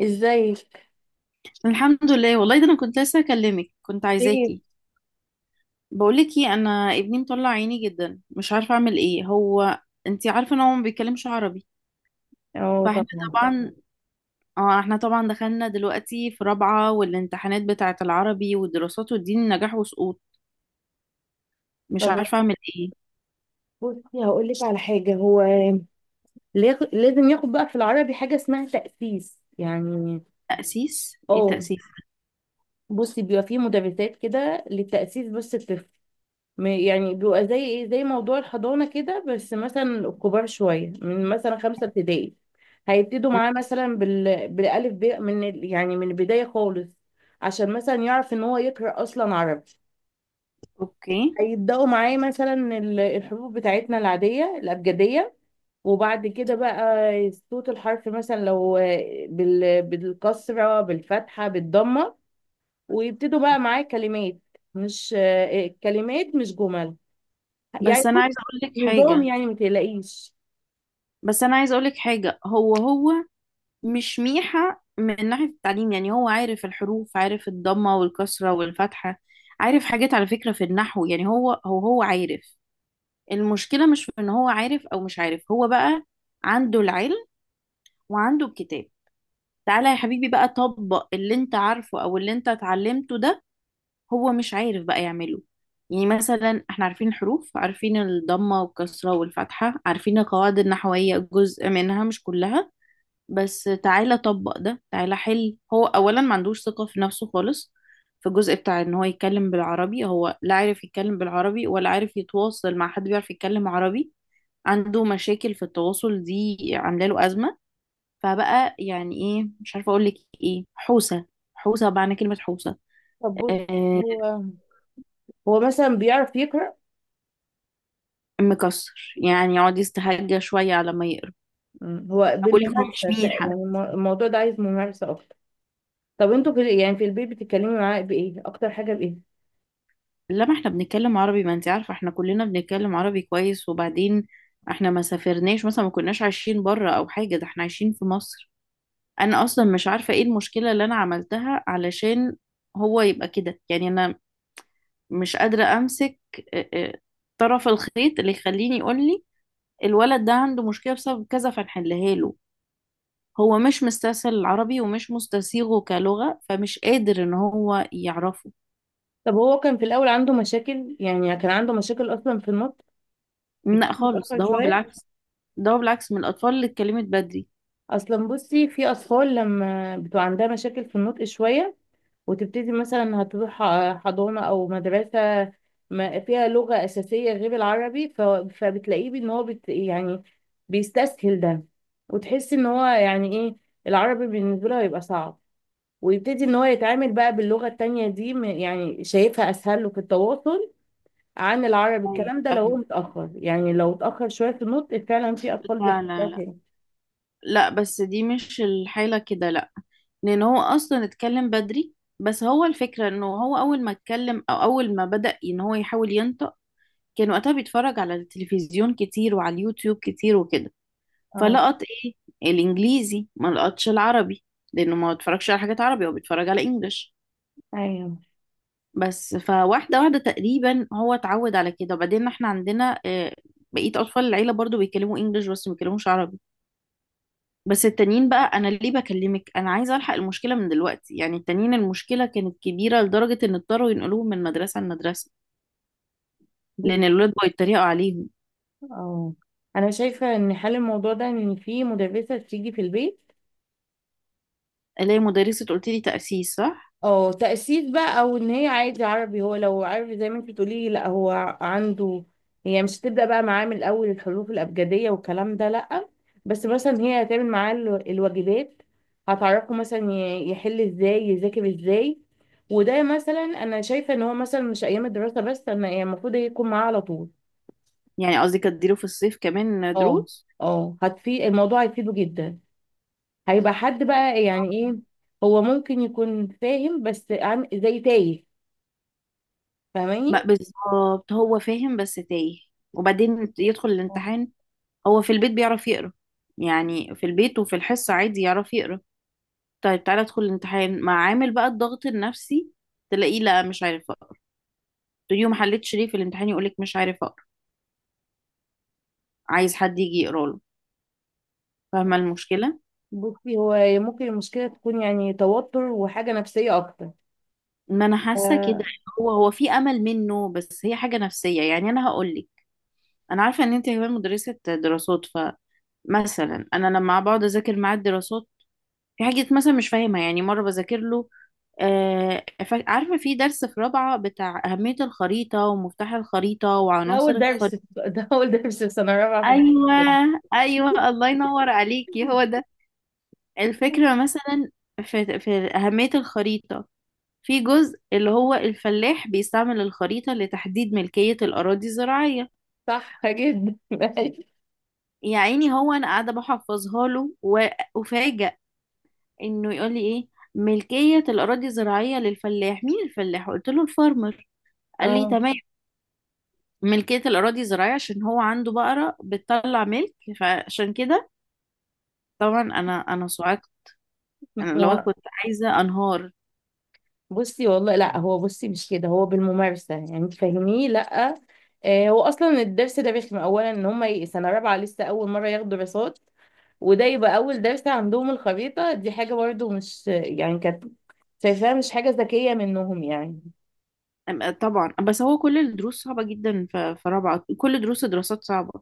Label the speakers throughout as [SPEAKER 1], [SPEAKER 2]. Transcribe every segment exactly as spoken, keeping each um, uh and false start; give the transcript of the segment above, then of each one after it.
[SPEAKER 1] ازيك؟
[SPEAKER 2] الحمد لله. والله ده انا كنت لسه اكلمك، كنت
[SPEAKER 1] خير.
[SPEAKER 2] عايزاكي. بقولك ايه، انا ابني مطلع عيني جدا، مش عارفه اعمل ايه. هو انتي عارفه ان هو ما بيتكلمش عربي،
[SPEAKER 1] اه،
[SPEAKER 2] فاحنا
[SPEAKER 1] طبعا.
[SPEAKER 2] طبعا. اه احنا طبعا دخلنا دلوقتي في رابعه، والامتحانات بتاعه العربي والدراسات والدين نجاح وسقوط. مش
[SPEAKER 1] طب
[SPEAKER 2] عارفه اعمل ايه.
[SPEAKER 1] بصي، هقول لك على حاجه. هو لياخد- لازم ياخد بقى في العربي حاجه اسمها تأسيس يعني.
[SPEAKER 2] تأسيس؟ ايه
[SPEAKER 1] اه،
[SPEAKER 2] تأسيس؟
[SPEAKER 1] بصي بيبقى فيه مدرسات كده للتأسيس. بس الطفل م- يعني بيبقى زي ايه، زي موضوع الحضانه كده، بس مثلا كبار شويه، من مثلا خمسه ابتدائي. هيبتدوا
[SPEAKER 2] مم،
[SPEAKER 1] معاه مثلا بال... بالالف ب، من ال- يعني من البدايه خالص، عشان مثلا يعرف ان هو يقرأ اصلا عربي.
[SPEAKER 2] اوكي.
[SPEAKER 1] هيبداوا معاه مثلا ال- الحروف بتاعتنا العاديه، الابجديه. وبعد كده بقى، صوت الحرف مثلا، لو بال- بالكسره، بالفتحه، بالضمه. ويبتدوا بقى معاه كلمات، مش آه، كلمات، مش جمل. يعني
[SPEAKER 2] بس انا
[SPEAKER 1] بص،
[SPEAKER 2] عايزه اقولك
[SPEAKER 1] نظام،
[SPEAKER 2] حاجه،
[SPEAKER 1] يعني ما تقلقيش.
[SPEAKER 2] بس انا عايزه اقولك حاجه. هو هو مش ميحة من ناحية التعليم، يعني هو عارف الحروف، عارف الضمة والكسرة والفتحة، عارف حاجات على فكرة في النحو. يعني هو هو هو عارف. المشكلة مش في ان هو عارف او مش عارف. هو بقى عنده العلم وعنده الكتاب، تعالى يا حبيبي بقى طبق اللي انت عارفه او اللي انت اتعلمته ده، هو مش عارف بقى يعمله. يعني مثلا احنا عارفين الحروف، عارفين الضمة والكسرة والفتحة، عارفين القواعد النحوية جزء منها مش كلها، بس تعالى طبق ده، تعالى حل. هو اولا ما عندوش ثقة في نفسه خالص في الجزء بتاع ان هو يتكلم بالعربي. هو لا عارف يتكلم بالعربي، ولا عارف يتواصل مع حد بيعرف يتكلم عربي. عنده مشاكل في التواصل دي عاملة له أزمة. فبقى يعني ايه، مش عارفة اقول لك ايه. حوسة، حوسة، معنى كلمة حوسة.
[SPEAKER 1] طب بص،
[SPEAKER 2] آه،
[SPEAKER 1] هو هو مثلا بيعرف يقرا.
[SPEAKER 2] مكسر يعني، يقعد يستهجى شوية على ما يقرب.
[SPEAKER 1] مم. هو
[SPEAKER 2] بقول لك هو مش
[SPEAKER 1] بالممارسه، ت-
[SPEAKER 2] ميحة.
[SPEAKER 1] يعني الم- الموضوع ده عايز ممارسه اكتر. طب انتوا، في يعني في البيت بتتكلموا معاه بايه؟ اكتر حاجه بايه؟
[SPEAKER 2] لما احنا بنتكلم عربي، ما انت عارفة احنا كلنا بنتكلم عربي كويس. وبعدين احنا ما سافرناش مثلا، ما كناش عايشين بره او حاجة، ده احنا عايشين في مصر. انا اصلا مش عارفة ايه المشكلة اللي انا عملتها علشان هو يبقى كده، يعني انا مش قادرة امسك، اه، اه، طرف الخيط اللي يخليني يقول لي الولد ده عنده مشكلة بسبب كذا فنحلها له. هو مش مستسهل العربي، ومش مستسيغه كلغة، فمش قادر ان هو يعرفه.
[SPEAKER 1] طب هو كان في الأول عنده مشاكل؟ يعني كان عنده مشاكل أصلا في النطق؟ كان
[SPEAKER 2] لا خالص،
[SPEAKER 1] متأخر
[SPEAKER 2] ده هو
[SPEAKER 1] شوية؟
[SPEAKER 2] بالعكس، ده هو بالعكس من الاطفال اللي اتكلمت بدري.
[SPEAKER 1] أصلا بصي، في أطفال لما بتبقى عندها مشاكل في النطق شوية، وتبتدي مثلا هتروح ح- حضانة أو مدرسة ما فيها لغة أساسية غير العربي، ف- فبتلاقيه إن هو بت يعني بيستسهل ده. وتحسي إن هو يعني إيه، العربي بالنسبة له هيبقى صعب، ويبتدي إن هو يتعامل بقى باللغة التانية دي، م- يعني شايفها أسهل له في التواصل عن العربي.
[SPEAKER 2] أيوة،
[SPEAKER 1] الكلام ده لو هو
[SPEAKER 2] فاهمة.
[SPEAKER 1] متأخر، يعني لو اتأخر شوية في النطق فعلا، في أطفال
[SPEAKER 2] لا لا
[SPEAKER 1] بيحتاجوها
[SPEAKER 2] لا
[SPEAKER 1] كده.
[SPEAKER 2] لا، بس دي مش الحالة كده، لا. لأن هو أصلا اتكلم بدري، بس هو الفكرة إنه هو أول ما اتكلم، أو أول ما بدأ إن هو يحاول ينطق، كان وقتها بيتفرج على التلفزيون كتير وعلى اليوتيوب كتير وكده،
[SPEAKER 1] اه،
[SPEAKER 2] فلقط إيه، الإنجليزي، ما لقطش العربي، لأنه ما بيتفرجش على حاجات عربي، هو بيتفرج على إنجلش.
[SPEAKER 1] ايوه،
[SPEAKER 2] بس فواحدة واحدة تقريبا هو اتعود على كده. وبعدين احنا عندنا آه، بقية أطفال العيلة برضو بيتكلموا إنجلش بس ما بيتكلموش عربي. بس التانيين بقى، انا ليه بكلمك، انا عايزه الحق المشكله من دلوقتي. يعني التانيين المشكله كانت كبيره لدرجه ان اضطروا ينقلوهم من مدرسه لمدرسه،
[SPEAKER 1] بص،
[SPEAKER 2] لان الولاد بقوا يتريقوا عليهم.
[SPEAKER 1] اه، أنا شايفة إن حل الموضوع ده إن في مدرسة تيجي في البيت.
[SPEAKER 2] الاقي مدرسه، قلت لي تاسيس صح؟
[SPEAKER 1] اه، تأسيس بقى، او ان هي عادي عربي. هو لو عربي زي ما انت بتقولي، لا، هو عنده. هي مش هتبدأ بقى معاه من الاول الحروف الابجدية والكلام ده، لا. بس مثلا هي هتعمل معاه ال- الواجبات. هتعرفه مثلا ي- يحل ازاي، يذاكر ازاي. وده مثلا، انا شايفة ان هو مثلا مش ايام الدراسة بس، انا يعني المفروض يكون معاه على طول.
[SPEAKER 2] يعني قصدي كانت تديله في الصيف كمان
[SPEAKER 1] اه،
[SPEAKER 2] دروس.
[SPEAKER 1] اه، هتفيد الموضوع، هيفيده جدا. هيبقى حد بقى يعني ايه. هو ممكن يكون فاهم بس عم- زي تايه.
[SPEAKER 2] ما
[SPEAKER 1] فاهماني؟
[SPEAKER 2] بالظبط هو فاهم بس تايه، وبعدين يدخل الامتحان. هو في البيت بيعرف يقرا، يعني في البيت وفي الحصه عادي يعرف يقرا. طيب تعالى ادخل الامتحان مع عامل بقى الضغط النفسي، تلاقيه لا مش عارف. تقولي له ما حلتش ليه في الامتحان؟ يقولك مش عارف اقرا، عايز حد يجي يقرا له. فاهمه المشكله؟
[SPEAKER 1] بصي، هو ممكن المشكلة تكون يعني توتر وحاجة نفسية أكتر.
[SPEAKER 2] ما انا حاسه كده
[SPEAKER 1] آه،
[SPEAKER 2] إن هو، هو في امل منه، بس هي حاجه نفسيه. يعني انا هقول لك، انا عارفه ان انت كمان مدرسه دراسات، فمثلا انا لما بقعد اذاكر معاه الدراسات في حاجه مثلا مش فاهمها، يعني مره بذاكر له، آه، ف- عارفه في درس في رابعه بتاع اهميه الخريطه ومفتاح الخريطه
[SPEAKER 1] ده
[SPEAKER 2] وعناصر
[SPEAKER 1] أول درس،
[SPEAKER 2] الخريطه.
[SPEAKER 1] ده أول درس في سنة رابعة. في
[SPEAKER 2] ايوه.
[SPEAKER 1] الجامعة.
[SPEAKER 2] ايوه، الله ينور عليكي، هو ده. الفكرة مثلا في, في, أهمية الخريطة، في جزء اللي هو الفلاح بيستعمل الخريطة لتحديد ملكية الأراضي الزراعية.
[SPEAKER 1] صح جدا.
[SPEAKER 2] يا عيني، هو أنا قاعدة بحفظها له، وأفاجأ إنه يقول لي إيه، ملكية الأراضي الزراعية للفلاح. مين الفلاح؟ قلت له الفارمر، قال لي
[SPEAKER 1] اه،
[SPEAKER 2] تمام، ملكية الأراضي الزراعية، عشان هو عنده بقرة بتطلع ملك. فعشان كده طبعا أنا أنا صعقت. أنا لو
[SPEAKER 1] ما-
[SPEAKER 2] كنت عايزة أنهار.
[SPEAKER 1] بصي والله لا، هو بصي مش كده، هو بالممارسة يعني تفهميه، لا. آه، هو أصلا الدرس ده رخم. أولا إن هما ي- سنة رابعة لسه أول مرة ياخدوا دراسات، وده يبقى أول درس عندهم. الخريطة دي حاجة برضو مش، يعني كانت شايفاها مش حاجة ذكية منهم يعني.
[SPEAKER 2] أم- آه، طبعا، بس هو كل الدروس صعبة جدا. ف- في رابعة كل دروس دراسات صعبة،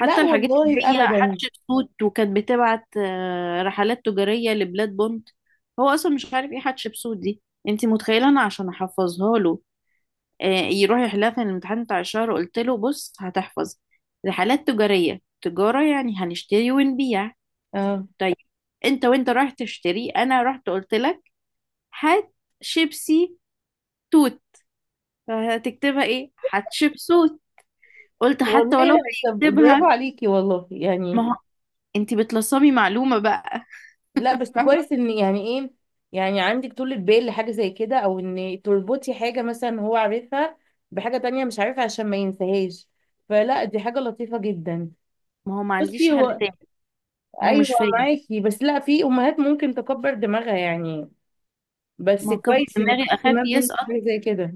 [SPEAKER 1] لا
[SPEAKER 2] الحاجات اللي
[SPEAKER 1] والله
[SPEAKER 2] هي
[SPEAKER 1] أبدا.
[SPEAKER 2] حتشبسوت وكانت بتبعت آه، رحلات تجارية لبلاد بونت. هو أصلا مش عارف ايه حتشبسوت دي. انتي متخيلة؟ أنا عشان أحفظها له، آه، يروح يحلها في الامتحان بتاع الشهر، قلت له بص، هتحفظ رحلات تجارية، تجارة يعني هنشتري ونبيع،
[SPEAKER 1] اه
[SPEAKER 2] طيب انت وانت رايح تشتري، أنا رحت قلت لك هات شيبسي توت. فهتكتبها ايه؟ حتشبسوت. قلت حتى ولو
[SPEAKER 1] والله. طب برافو
[SPEAKER 2] هيكتبها،
[SPEAKER 1] عليكي والله
[SPEAKER 2] ما
[SPEAKER 1] يعني.
[SPEAKER 2] هو انت بتلصمي معلومة بقى.
[SPEAKER 1] لا بس
[SPEAKER 2] فاهمة؟
[SPEAKER 1] كويس ان يعني ايه، يعني عندك طولة بال لحاجة زي كده، او ان تربطي حاجة مثلا هو عارفها بحاجة تانية مش عارفها عشان ما ينساهاش. فلا، دي حاجة لطيفة جدا.
[SPEAKER 2] ما هو ما عنديش
[SPEAKER 1] بصي،
[SPEAKER 2] حل
[SPEAKER 1] هو.
[SPEAKER 2] تاني، ما هو
[SPEAKER 1] ايوه،
[SPEAKER 2] مش فاهم.
[SPEAKER 1] معاكي بس، لا، في امهات ممكن تكبر دماغها يعني،
[SPEAKER 2] ما
[SPEAKER 1] بس
[SPEAKER 2] هو كبر
[SPEAKER 1] كويس ان
[SPEAKER 2] دماغي
[SPEAKER 1] في
[SPEAKER 2] اخاف
[SPEAKER 1] اهتمام منك
[SPEAKER 2] يسقط،
[SPEAKER 1] بحاجة زي كده.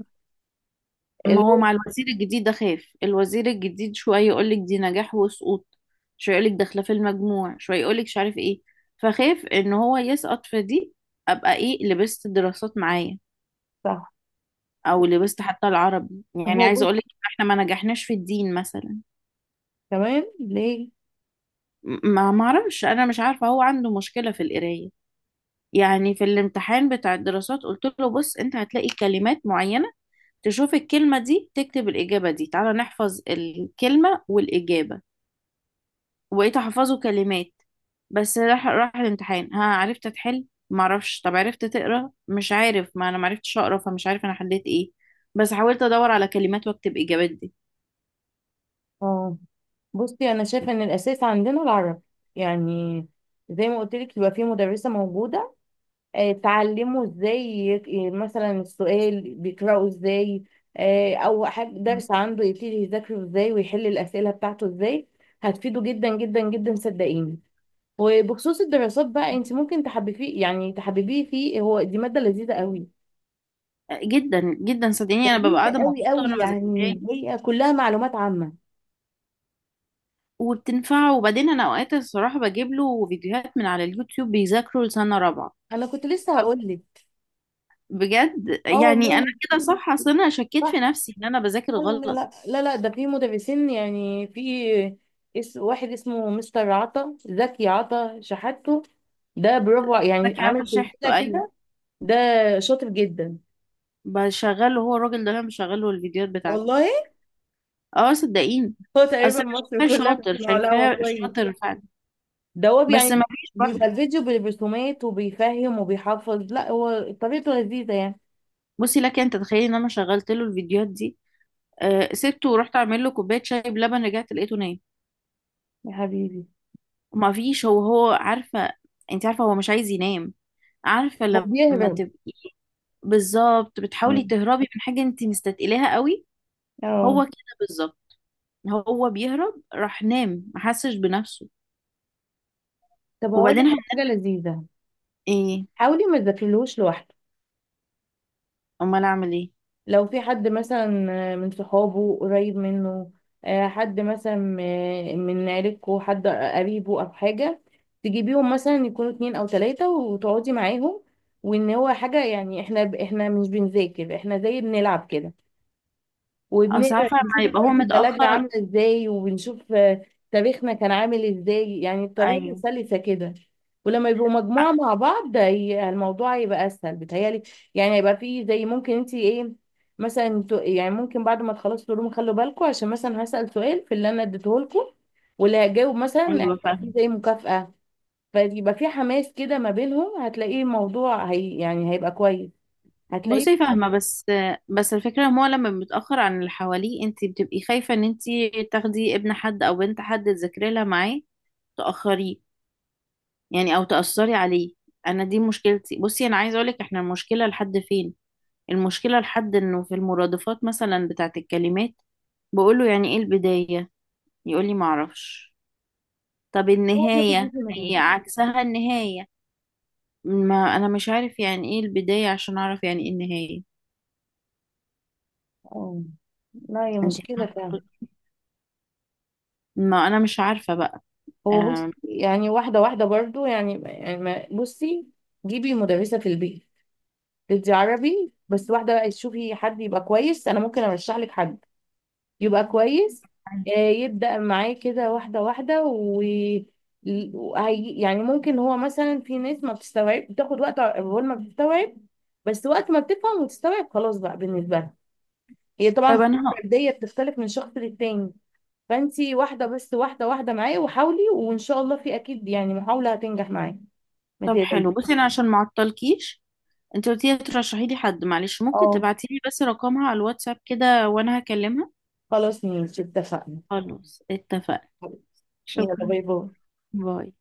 [SPEAKER 2] ما
[SPEAKER 1] اللي
[SPEAKER 2] هو
[SPEAKER 1] هو.
[SPEAKER 2] مع الوزير الجديد اخاف. الوزير الجديد شوية يقولك دي نجاح وسقوط، شوية يقولك داخلة في المجموع، شوية يقولك مش عارف ايه. فخاف ان هو يسقط في دي، ابقى ايه، لبست دراسات معايا
[SPEAKER 1] صح.
[SPEAKER 2] او لبست حتى العربي. يعني
[SPEAKER 1] هو
[SPEAKER 2] عايزة
[SPEAKER 1] بص،
[SPEAKER 2] اقولك، احنا ما نجحناش في الدين مثلا.
[SPEAKER 1] كمان ليه؟
[SPEAKER 2] م- ما معرفش، انا مش عارفة هو عنده مشكلة في القراية. يعني في الامتحان بتاع الدراسات قلت له بص، انت هتلاقي كلمات معينة، تشوف الكلمة دي تكتب الإجابة دي، تعالى نحفظ الكلمة والإجابة، وبقيت أحفظه كلمات. بس راح، راح الامتحان. ها، عرفت تحل؟ معرفش. طب عرفت تقرا؟ مش عارف، ما انا معرفتش اقرا، فمش عارف انا حليت ايه، بس حاولت ادور على كلمات واكتب اجابات دي.
[SPEAKER 1] اه، بصي انا شايفه ان الاساس عندنا العربي. يعني زي ما قلت لك، يبقى في مدرسه موجوده. آه، تعلمه ازاي يك- ي- مثلا السؤال بيقراه ازاي. آه، او حاجه،
[SPEAKER 2] مم.
[SPEAKER 1] درس عنده يبتدي يذاكره ازاي، ويحل الاسئله بتاعته ازاي. هتفيده جدا جدا جدا، صدقيني. وبخصوص الدراسات بقى، انت ممكن تحببيه، يعني تحببيه فيه، هو دي ماده لذيذه قوي.
[SPEAKER 2] جدا جدا صدقيني، انا ببقى
[SPEAKER 1] لذيذه
[SPEAKER 2] قاعده
[SPEAKER 1] قوي
[SPEAKER 2] مبسوطه
[SPEAKER 1] قوي،
[SPEAKER 2] وانا بذاكرها،
[SPEAKER 1] يعني هي كلها معلومات عامه.
[SPEAKER 2] وبتنفعه. وبعدين انا اوقات الصراحه بجيب له فيديوهات من على اليوتيوب بيذاكروا لسنه رابعه،
[SPEAKER 1] انا كنت لسه هقول لك.
[SPEAKER 2] بجد.
[SPEAKER 1] اه
[SPEAKER 2] يعني انا
[SPEAKER 1] والله.
[SPEAKER 2] كده صح؟ اصل انا شكيت في نفسي ان انا بذاكر
[SPEAKER 1] لا، لا، لا،
[SPEAKER 2] غلط.
[SPEAKER 1] لا، لا، ده في مدرسين، يعني في اس، واحد اسمه مستر عطا زكي، عطا شحاته. ده برافو ع- يعني
[SPEAKER 2] بذاكر،
[SPEAKER 1] عامل
[SPEAKER 2] عارفه
[SPEAKER 1] سلسلة
[SPEAKER 2] شحته، ايوه،
[SPEAKER 1] كده. ده شاطر جدا،
[SPEAKER 2] بشغله. هو الراجل ده انا بشغله الفيديوهات بتاعته.
[SPEAKER 1] والله.
[SPEAKER 2] اه، صدقيني.
[SPEAKER 1] هو تقريبا
[SPEAKER 2] اصل
[SPEAKER 1] مصر
[SPEAKER 2] انا شايفاه
[SPEAKER 1] كلها
[SPEAKER 2] شاطر،
[SPEAKER 1] بتسمعه، لا هو
[SPEAKER 2] شايفاه
[SPEAKER 1] كويس.
[SPEAKER 2] شاطر فعلا.
[SPEAKER 1] ده هو
[SPEAKER 2] بس
[SPEAKER 1] يعني
[SPEAKER 2] ما فيش
[SPEAKER 1] بيبقى
[SPEAKER 2] برضه.
[SPEAKER 1] الفيديو بالرسومات، وبيفهم وبيحفظ، لا هو طريقته لذيذة يعني.
[SPEAKER 2] بصي لك، انت تخيلي ان انا شغلت له الفيديوهات دي، آه، سبته ورحت اعمل له كوبايه شاي بلبن، رجعت لقيته نايم.
[SPEAKER 1] يا حبيبي.
[SPEAKER 2] ما فيش، هو هو عارفه، انت عارفه هو مش عايز ينام، عارفه
[SPEAKER 1] هو
[SPEAKER 2] لما
[SPEAKER 1] بيهرب.
[SPEAKER 2] تبقي بالظبط بتحاولي تهربي من حاجه انت مستثقلاها قوي،
[SPEAKER 1] اه،
[SPEAKER 2] هو كده بالظبط. هو بيهرب، راح نام ما حسش بنفسه.
[SPEAKER 1] طب هقول لك
[SPEAKER 2] وبعدين ه-
[SPEAKER 1] على حاجة لذيذة.
[SPEAKER 2] ايه؟
[SPEAKER 1] حاولي ما تذاكرلهوش لوحدك.
[SPEAKER 2] امال اعمل ايه؟
[SPEAKER 1] لو في حد مثلا آه، من صحابه قريب منه، آه، حد مثلا م- من عيلتكوا، حد قريبه او حاجه، تجيبيهم مثلا يكونوا اتنين او تلاته، وتقعدي معاهم. وان هو حاجه يعني احنا احنا مش بنذاكر، احنا زي بنلعب كده،
[SPEAKER 2] اصل
[SPEAKER 1] وبنقرا،
[SPEAKER 2] عارفه
[SPEAKER 1] بنشوف
[SPEAKER 2] لما يبقى هو
[SPEAKER 1] خريطة بلدنا
[SPEAKER 2] متاخر.
[SPEAKER 1] عاملة ازاي، وبنشوف آه، تاريخنا كان عامل ازاي، يعني الطريقة
[SPEAKER 2] ايوه.
[SPEAKER 1] سلسة كده. ولما يبقوا مجموعة مع بعض، ده هي- الموضوع هيبقى أسهل بتهيألي. يعني هيبقى فيه زي، ممكن انت ايه، مثلا ت- يعني ممكن بعد ما تخلصوا تقولوا خلوا بالكم، عشان مثلا هسأل سؤال في اللي انا اديته لكم، واللي هيجاوب مثلا
[SPEAKER 2] ايوه،
[SPEAKER 1] هيبقى فيه
[SPEAKER 2] فاهمه.
[SPEAKER 1] زي مكافأة. فيبقى في حماس كده ما بينهم، هتلاقيه الموضوع هي يعني هيبقى كويس. هتلاقيه.
[SPEAKER 2] بصي فاهمه، بس بس الفكره ان هو لما متاخر عن اللي حواليه، انت بتبقي خايفه ان انت تاخدي ابن حد او بنت حد تذاكري لها معاه تاخريه، يعني او تاثري عليه. انا دي مشكلتي. بصي انا عايزه اقولك، احنا المشكله لحد فين، المشكله لحد انه في المرادفات مثلا بتاعه الكلمات، بقوله يعني ايه البدايه، يقولي معرفش. طب
[SPEAKER 1] هو بياخد
[SPEAKER 2] النهاية
[SPEAKER 1] اسم
[SPEAKER 2] هي
[SPEAKER 1] المدرسة.
[SPEAKER 2] عكسها النهاية. ما انا مش عارف يعني ايه البداية عشان اعرف يعني ايه النهاية.
[SPEAKER 1] اه، لا، هي
[SPEAKER 2] انت
[SPEAKER 1] مشكلة فعلا.
[SPEAKER 2] فاهمة؟ ما انا مش عارفة بقى.
[SPEAKER 1] هو بص،
[SPEAKER 2] آم،
[SPEAKER 1] يعني واحدة واحدة برضو، يعني يعني ما- بصي. جيبي مدرسة في البيت تدي عربي بس، واحدة بقى تشوفي حد يبقى كويس، أنا ممكن أرشح لك حد يبقى كويس. آه، يبدأ معاه كده، واحدة واحدة، و ل- وهي- يعني ممكن، هو مثلا في ناس ما بتستوعب، بتاخد وقت أول ما بتستوعب، بس وقت ما بتفهم وتستوعب، خلاص بقى بالنسبة لها. هي طبعا
[SPEAKER 2] طيب
[SPEAKER 1] في
[SPEAKER 2] انا ه-
[SPEAKER 1] فردية، بتختلف من شخص للتاني. فانتي واحده بس، واحده واحده معايا، وحاولي، وان شاء الله في اكيد يعني محاوله هتنجح معايا. ما
[SPEAKER 2] طب
[SPEAKER 1] تقلقيش.
[SPEAKER 2] حلو. بصي انا عشان ما اعطلكيش، انت قلتي لي ترشحي لي حد، معلش ممكن
[SPEAKER 1] اه،
[SPEAKER 2] تبعتي لي بس رقمها على الواتساب كده، وانا هكلمها.
[SPEAKER 1] خلاص ماشي، اتفقنا.
[SPEAKER 2] خلاص اتفقنا.
[SPEAKER 1] يلا،
[SPEAKER 2] شكرا.
[SPEAKER 1] باي باي.
[SPEAKER 2] باي.